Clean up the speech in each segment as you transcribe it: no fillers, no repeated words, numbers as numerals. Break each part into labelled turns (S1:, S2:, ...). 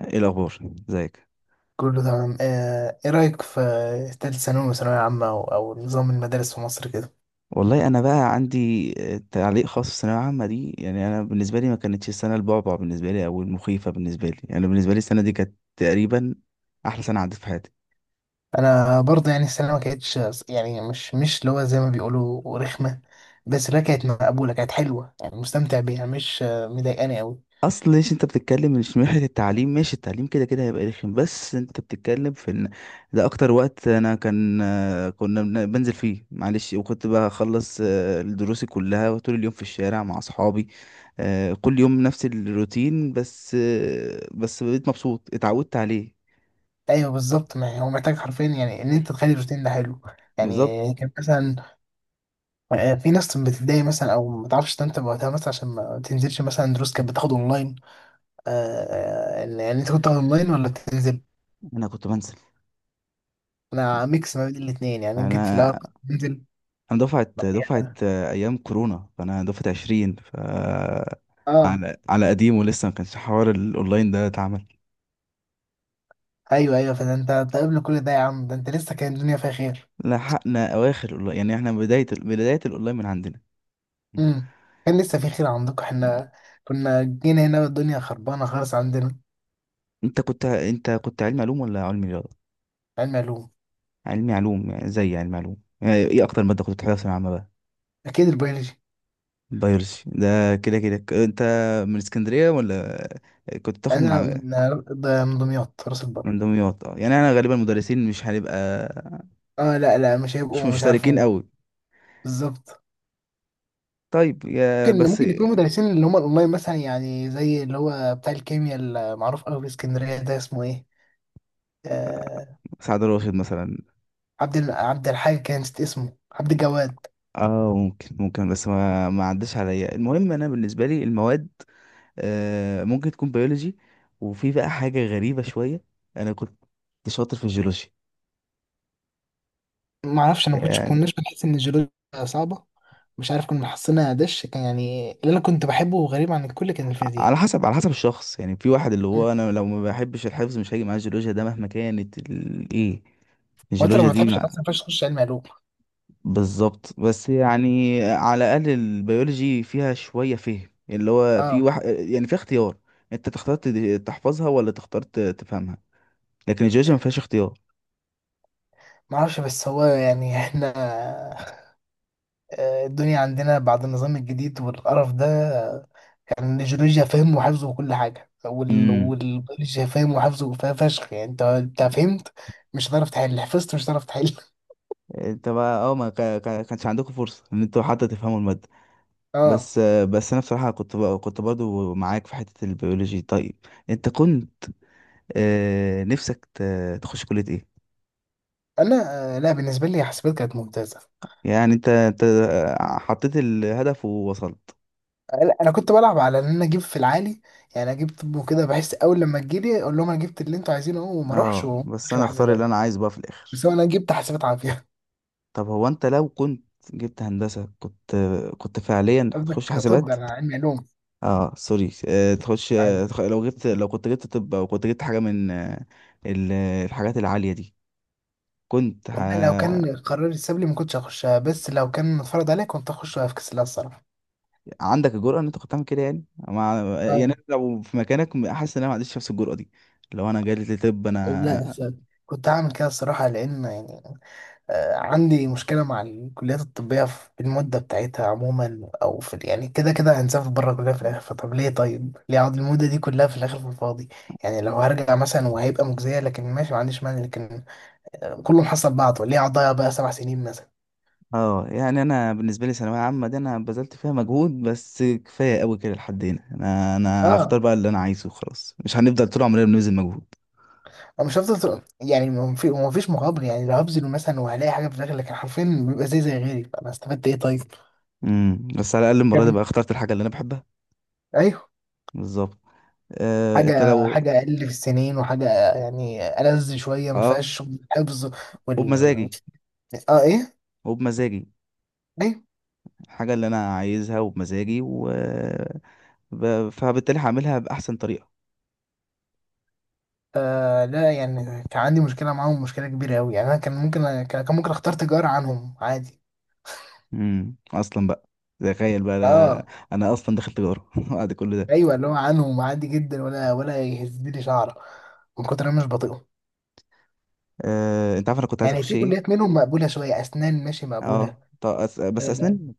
S1: ايه الاخبار؟ ازيك؟
S2: كله تمام، ايه رأيك في تالت ثانوي وثانوية عامة او نظام المدارس في مصر كده؟
S1: والله انا بقى عندي تعليق خاص في الثانويه العامه دي. يعني انا بالنسبه لي ما كانتش السنه البعبع بالنسبه لي او المخيفه بالنسبه لي، يعني بالنسبه لي السنه دي كانت تقريبا احلى سنه عدت في حياتي.
S2: انا برضه يعني السنة ما كانتش، يعني مش اللي هو زي ما بيقولوا رخمة، بس لا كانت مقبولة، كانت حلوة، يعني مستمتع بيها، مش مضايقاني قوي.
S1: اصل ليش انت بتتكلم؟ مش من ناحيه التعليم، ماشي، التعليم كده كده هيبقى رخم، بس انت بتتكلم في ان ده اكتر وقت انا كان كنا بنزل فيه، معلش، وكنت بخلص دروسي كلها طول اليوم في الشارع مع اصحابي. كل يوم نفس الروتين، بس بقيت مبسوط، اتعودت عليه.
S2: ايوه بالظبط، ما هو محتاج حرفيا يعني ان انت تخلي الروتين ده حلو.
S1: بالظبط.
S2: يعني كان مثلا في ناس بتتضايق مثلا او ما تعرفش تنتبه وقتها مثلا عشان ما تنزلش، مثلا دروس كانت بتاخد اونلاين. آه، يعني انت كنت اونلاين ولا بتنزل؟
S1: انا كنت بنزل.
S2: انا ميكس ما بين الاثنين، يعني أنا جيت في
S1: انا
S2: الاول كنت بنزل.
S1: انا دفعه ايام كورونا، فانا دفعه 20، ف
S2: اه.
S1: على قديم ولسه ما كانش حوار الاونلاين ده اتعمل.
S2: ايوه ايوه، فده انت قبل كل ده يا عم، ده انت لسه كان الدنيا فيها خير.
S1: لحقنا اواخر يعني احنا بداية بداية الاونلاين من عندنا.
S2: امم كان لسه في خير عندكم، احنا كنا جينا هنا والدنيا خربانه خالص عندنا.
S1: انت كنت علمي علوم ولا علمي رياضة؟
S2: علم علوم.
S1: علمي علوم، يعني زي علمي علوم. يعني ايه اكتر مادة كنت بتحبها في ثانوية عامة بقى؟
S2: اكيد البيولوجي.
S1: بيولوجي ده كده كده. انت من اسكندرية ولا كنت بتاخد
S2: انا
S1: مع؟
S2: من ده من دمياط، راس البر.
S1: من دمياط؟ اه، يعني انا غالبا المدرسين مش هنبقى
S2: اه لا لا، مش
S1: مش
S2: هيبقوا، مش
S1: مشتركين
S2: عارفه.
S1: قوي.
S2: بالظبط.
S1: طيب يا
S2: ممكن
S1: بس.
S2: ممكن يكونوا مدرسين اللي هم الاونلاين مثلا، يعني زي اللي هو بتاع الكيمياء المعروف قوي في اسكندريه، ده اسمه ايه؟ آه
S1: سعد راشد مثلا.
S2: عبد الم- عبد الحاج، كان نسيت اسمه، عبد الجواد.
S1: اه ممكن ممكن، بس ما عداش عليا. المهم انا بالنسبة لي المواد ممكن تكون بيولوجي. وفي بقى حاجة غريبة شوية، أنا كنت شاطر في الجيولوجيا.
S2: ما اعرفش، انا ما كنتش
S1: يعني
S2: كناش بنحس ان الجيولوجيا صعبه، مش عارف كنا حاسينها دش كان. يعني اللي انا كنت بحبه غريب عن الكل، كان الفيزياء.
S1: على حسب، على حسب الشخص، يعني في واحد اللي هو أنا لو ما بحبش الحفظ مش هاجي معاه الجيولوجيا ده، مهما كانت إيه،
S2: وانت لو
S1: الجيولوجيا
S2: ما
S1: دي
S2: بتحبش
S1: ما...
S2: الفلسفه ما ينفعش تخش علم علوم.
S1: بالظبط. بس يعني على الأقل البيولوجي فيها شوية فهم، اللي هو في
S2: اه
S1: واحد يعني في اختيار. أنت تختار تحفظها ولا تختار تفهمها. لكن الجيولوجيا ما فيهاش اختيار.
S2: ما اعرفش بس هو يعني احنا الدنيا عندنا بعد النظام الجديد والقرف ده، آه، يعني الجيولوجيا فهم وحفظ وكل حاجه،
S1: امم.
S2: والبيولوجيا فهم وحفظ وفيها فشخ. يعني انت فهمت، مش هتعرف تحل. حفظت، مش هتعرف تحل.
S1: انت بقى اه، ما كانش عندكم فرصة ان انتوا حتى تفهموا المادة؟
S2: اه.
S1: بس انا بصراحه كنت كنت برضو معاك في حته البيولوجي. طيب انت كنت نفسك تخش كليه ايه؟
S2: انا لا، بالنسبه لي حسابات كانت ممتازه.
S1: يعني انت حطيت الهدف ووصلت؟
S2: لا انا كنت بلعب على ان انا اجيب في العالي، يعني اجيب طب وكده، بحس اول لما تجيلي اقول لهم انا جبت اللي انتوا عايزينه أهو، وما اروحش
S1: اه بس
S2: وداخل
S1: انا اختار اللي
S2: حاسبات.
S1: انا عايزه بقى في
S2: بس
S1: الاخر.
S2: هو انا جبت حاسبات عافيه.
S1: طب هو انت لو كنت جبت هندسه كنت فعليا هتخش
S2: قصدك؟ طب
S1: حاسبات؟
S2: انا علمي علوم.
S1: اه سوري، آه، تخش
S2: عادي،
S1: آه، تخ- لو جبت لو كنت جبت طب او كنت جبت حاجه من الحاجات العاليه دي كنت...
S2: والله لو كان قرار اتساب لي ما كنتش هخشها، بس لو كان اتفرض عليا كنت هخش في كاس الله الصراحه.
S1: عندك الجرأة ان انت كنت تعمل كده يعني مع... يعني
S2: اه،
S1: أنا لو في مكانك حاسس ان انا ما عنديش نفس الجرأة دي. لو انا جالي طب
S2: لا صح.
S1: انا...
S2: كنت هعمل كده الصراحه، لان يعني عندي مشكلة مع الكليات الطبية في المدة بتاعتها عموما، أو في، يعني كده كده هنسافر بره الكلية في الآخر، فطب ليه طيب؟ ليه أقعد المدة دي كلها في الآخر في الفاضي؟ يعني لو هرجع مثلا وهيبقى مجزية لكن ماشي، ما عنديش مانع، لكن كله محصل بعضه، ليه أقعد أضيع بقى 7 سنين مثلا؟
S1: اه يعني انا بالنسبة لي ثانوية عامة دي انا بذلت فيها مجهود، بس كفاية قوي كده، لحد هنا انا هختار
S2: اه.
S1: بقى اللي انا عايزه وخلاص، مش هنفضل طول عمرنا بنبذل مجهود.
S2: أنا مش هفضل طول- يعني ما فيش مقابل، يعني لو هبذل مثلا وهلاقي حاجة في الآخر، لكن حرفيا بيبقى زي غيري، فأنا استفدت إيه طيب؟
S1: امم. بس على الاقل المرة دي بقى
S2: جميل.
S1: اخترت الحاجة اللي انا بحبها.
S2: أيوه.
S1: بالظبط. انت
S2: حاجة
S1: لو...
S2: حاجة أقل في السنين، وحاجة يعني ألذ شوية ما
S1: اه،
S2: فيهاش حفظ.
S1: وبمزاجي.
S2: اه. ايه؟
S1: وبمزاجي
S2: ليه؟
S1: الحاجة اللي انا عايزها، وبمزاجي و... ب... فبالتالي هعملها بأحسن طريقة.
S2: آه لا، يعني كان عندي مشكله معاهم، مشكله كبيره قوي، يعني انا كان ممكن كان كان ممكن اختار تجاره عنهم عادي.
S1: امم. اصلا بقى، تخيل بقى انا
S2: اه
S1: انا اصلا دخلت تجاره بعد كل ده.
S2: ايوه، اللي هو عنهم عادي جدا، ولا يهزلي شعره، من كتر انا مش بطيقهم.
S1: انت عارف انا كنت عايز
S2: يعني
S1: اخش
S2: في كليات
S1: ايه؟
S2: منهم مقبوله شويه، اسنان ماشي مقبوله،
S1: اه، طب بس
S2: آه،
S1: اسنان،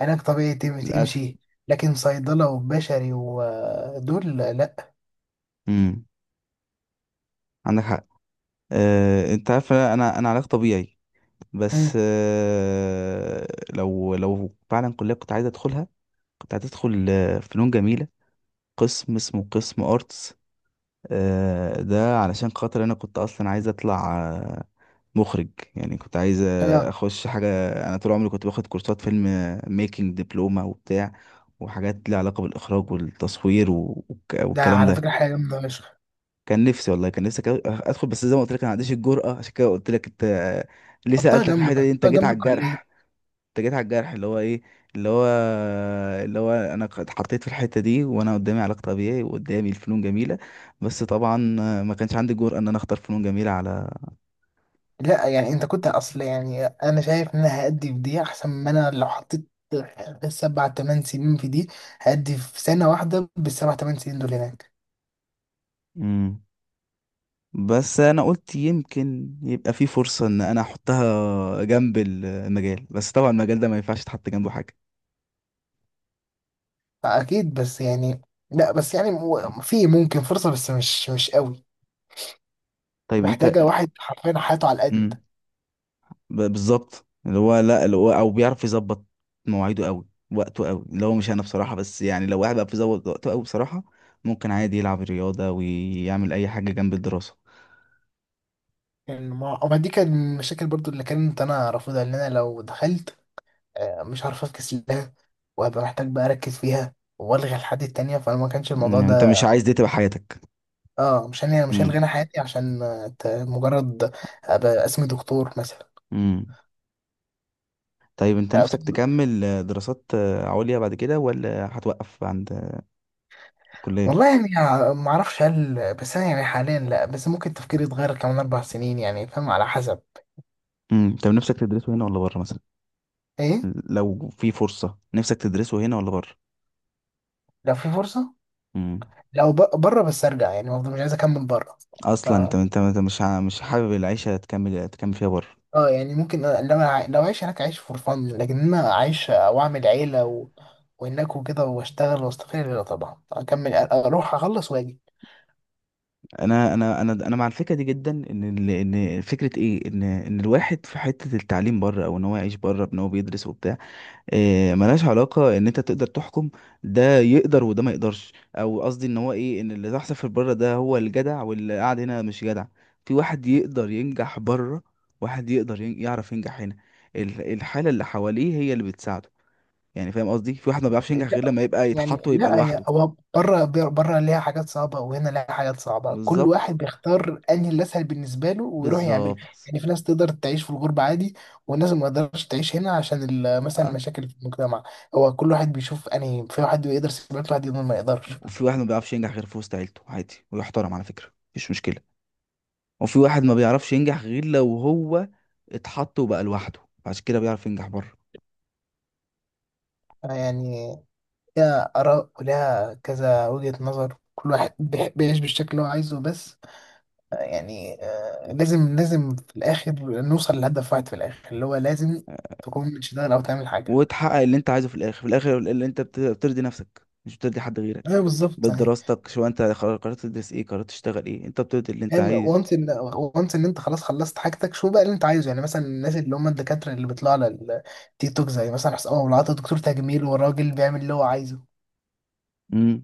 S2: علاج طبيعي
S1: للاسف.
S2: تمشي، لكن صيدله وبشري ودول لا.
S1: امم. عندك حق. انت عارف انا علاج طبيعي، بس
S2: مم.
S1: لو فعلا كليه كنت عايز ادخلها، كنت عايز ادخل فنون جميله، قسم اسمه قسم ارتس. ده علشان خاطر انا كنت اصلا عايز اطلع مخرج. يعني كنت عايز
S2: اه
S1: اخش حاجه. انا طول عمري كنت باخد كورسات فيلم ميكنج، دبلومه وبتاع، وحاجات ليها علاقه بالاخراج والتصوير
S2: ده
S1: والكلام
S2: على
S1: ده.
S2: فكره حاجه جامده فشخ.
S1: كان نفسي، والله كان نفسي ادخل، بس زي ما قلت لك انا ما عنديش الجرأه. عشان كده قلت لك، انت ليه
S2: حطها
S1: سألتك في الحته
S2: جنبك،
S1: دي، انت
S2: حطها
S1: جيت
S2: جنب
S1: على
S2: الكليه.
S1: الجرح. انت جيت على الجرح اللي هو ايه، اللي هو اللي هو انا اتحطيت في الحته دي وانا قدامي علاج طبيعي وقدامي الفنون جميله. بس طبعا ما كانش عندي الجرأه ان انا اختار فنون جميله على...
S2: لا يعني انت كنت اصل، يعني انا شايف ان انا هأدي في دي احسن ما انا لو حطيت 7-8 سنين في دي. هأدي في سنة واحدة بالـ7-8 سنين دول هناك.
S1: مم. بس انا قلت يمكن يبقى في فرصة ان انا احطها جنب المجال، بس طبعا المجال ده ما ينفعش تحط جنبه حاجة.
S2: اكيد بس يعني، لا بس يعني في ممكن فرصة، بس مش قوي.
S1: طيب انت...
S2: محتاجة واحد حرفيا حياته على القد.
S1: امم، بالظبط. اللي هو لا، اللي هو او بيعرف يظبط مواعيده قوي، وقته قوي، اللي هو مش انا بصراحة. بس يعني لو واحد بقى بيظبط وقته قوي بصراحة ممكن عادي يلعب رياضة ويعمل اي حاجة جنب الدراسة.
S2: يعني ما دي كان من المشاكل برضو اللي كانت انا رافضها، ان انا لو دخلت مش هعرف افكس لها، وهبقى محتاج بقى اركز فيها والغي الحاجات التانية، فانا ما كانش الموضوع
S1: مم، انت
S2: ده.
S1: مش عايز دي تبقى حياتك.
S2: اه، مش هلغي
S1: امم.
S2: انا حياتي عشان مجرد ابقى اسمي دكتور مثلا.
S1: امم. طيب انت
S2: لا،
S1: نفسك
S2: أعتقد-
S1: تكمل دراسات عليا بعد كده ولا هتوقف عند الكلية؟
S2: والله يعني ما اعرفش، هل، بس انا يعني حاليا لا، بس ممكن تفكيري يتغير كمان 4 سنين يعني، فاهم، على حسب.
S1: امم. طب نفسك تدرسه هنا ولا بره مثلا؟
S2: ايه؟
S1: لو في فرصة نفسك تدرسه هنا ولا بره؟
S2: لو في فرصه،
S1: امم.
S2: لو ب- بره، بس ارجع يعني، برضه مش عايز اكمل بره. ف
S1: اصلا انت مش مش حابب العيشة تكمل فيها بره.
S2: اه يعني ممكن، لو اعيش هناك اعيش فور فن، لكن إن انا اعيش واعمل عيله و وهناك وكده واشتغل واستقل، لا طبعا اكمل، اروح اخلص واجي.
S1: انا مع الفكرة دي جدا، ان ان فكرة ايه، ان الواحد في حتة التعليم بره او ان هو يعيش بره بان هو بيدرس وبتاع ملهاش علاقة ان انت تقدر تحكم ده يقدر وده ما يقدرش، او قصدي ان هو ايه، ان اللي تحصل في بره ده هو الجدع واللي قاعد هنا مش جدع. في واحد يقدر ينجح بره، واحد يقدر يعرف ينجح هنا. الحالة اللي حواليه هي اللي بتساعده. يعني فاهم قصدي، في واحد ما بيعرفش ينجح غير لما يبقى
S2: يعني
S1: يتحط ويبقى
S2: لا،
S1: لوحده.
S2: هو بره ليها حاجات صعبة وهنا ليها حاجات صعبة، كل
S1: بالظبط.
S2: واحد بيختار انهي الاسهل بالنسبة له ويروح يعمله.
S1: بالظبط.
S2: يعني في ناس تقدر تعيش في الغربة عادي، والناس ما تقدرش تعيش هنا عشان مثلا
S1: اه،
S2: المشاكل في المجتمع. هو كل واحد بيشوف انهي، في واحد يقدر يسيبك، واحد يقدر، ما يقدرش.
S1: وفي واحد ما بيعرفش ينجح غير في وسط عيلته عادي، ويحترم، على فكرة، مفيش مشكلة. وفي واحد ما بيعرفش ينجح غير لو هو اتحط وبقى لوحده، عشان كده بيعرف ينجح بره.
S2: يعني ليها آراء وليها كذا وجهة نظر، كل واحد بيعيش بالشكل اللي هو عايزه. بس يعني لازم لازم في الآخر نوصل لهدف واحد في الآخر، اللي هو لازم تكون بتشتغل أو تعمل حاجة.
S1: وتحقق اللي انت عايزه في الاخر، في الاخر اللي انت بترضي نفسك مش بترضي حد غيرك.
S2: ايوه بالظبط. يعني
S1: بدراستك، شو انت قررت تدرس ايه، قررت تشتغل ايه، انت بترضي اللي انت
S2: يعني
S1: عايز.
S2: وانت ان انت خلاص خلصت حاجتك، شو بقى اللي انت عايزه؟ يعني مثلا الناس اللي هم الدكاتره اللي بيطلعوا على التيك توك، زي مثلا حسام ابو العطا، دكتور تجميل، والراجل بيعمل اللي هو عايزه.
S1: امم.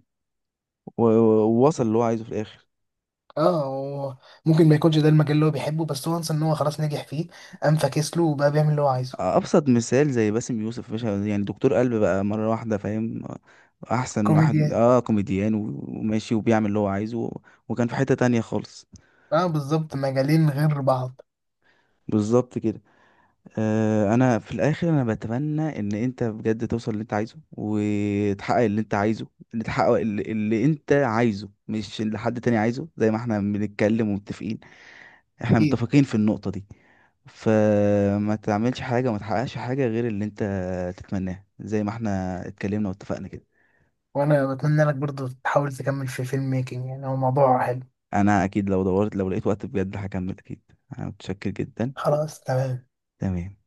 S1: ووصل اللي هو عايزه في الاخر.
S2: اه، هو ممكن ما يكونش ده المجال اللي هو بيحبه، بس وانس ان هو خلاص نجح فيه، قام فاكس له وبقى بيعمل اللي هو عايزه.
S1: ابسط مثال زي باسم يوسف باشا، يعني دكتور قلب بقى مره واحده، فاهم، احسن واحد،
S2: كوميديان.
S1: اه، كوميديان وماشي وبيعمل اللي هو عايزه، وكان في حته تانية خالص.
S2: اه بالظبط، مجالين غير بعض.
S1: بالظبط كده. انا في الاخر انا بتمنى ان انت بجد توصل اللي انت عايزه وتحقق اللي انت عايزه، اللي تحقق اللي انت عايزه مش اللي حد تاني عايزه، زي ما احنا بنتكلم ومتفقين، احنا
S2: اكيد.
S1: متفقين في النقطة دي. فما تعملش حاجة وما تحققش حاجة غير اللي انت تتمناه، زي ما احنا اتكلمنا واتفقنا كده.
S2: وانا بتمنى لك برضو تحاول تكمل في فيلم ميكنج، يعني هو موضوع حلو.
S1: انا اكيد لو دورت، لو لقيت وقت بجد هكمل اكيد. انا متشكر جدا.
S2: خلاص، تمام.
S1: تمام.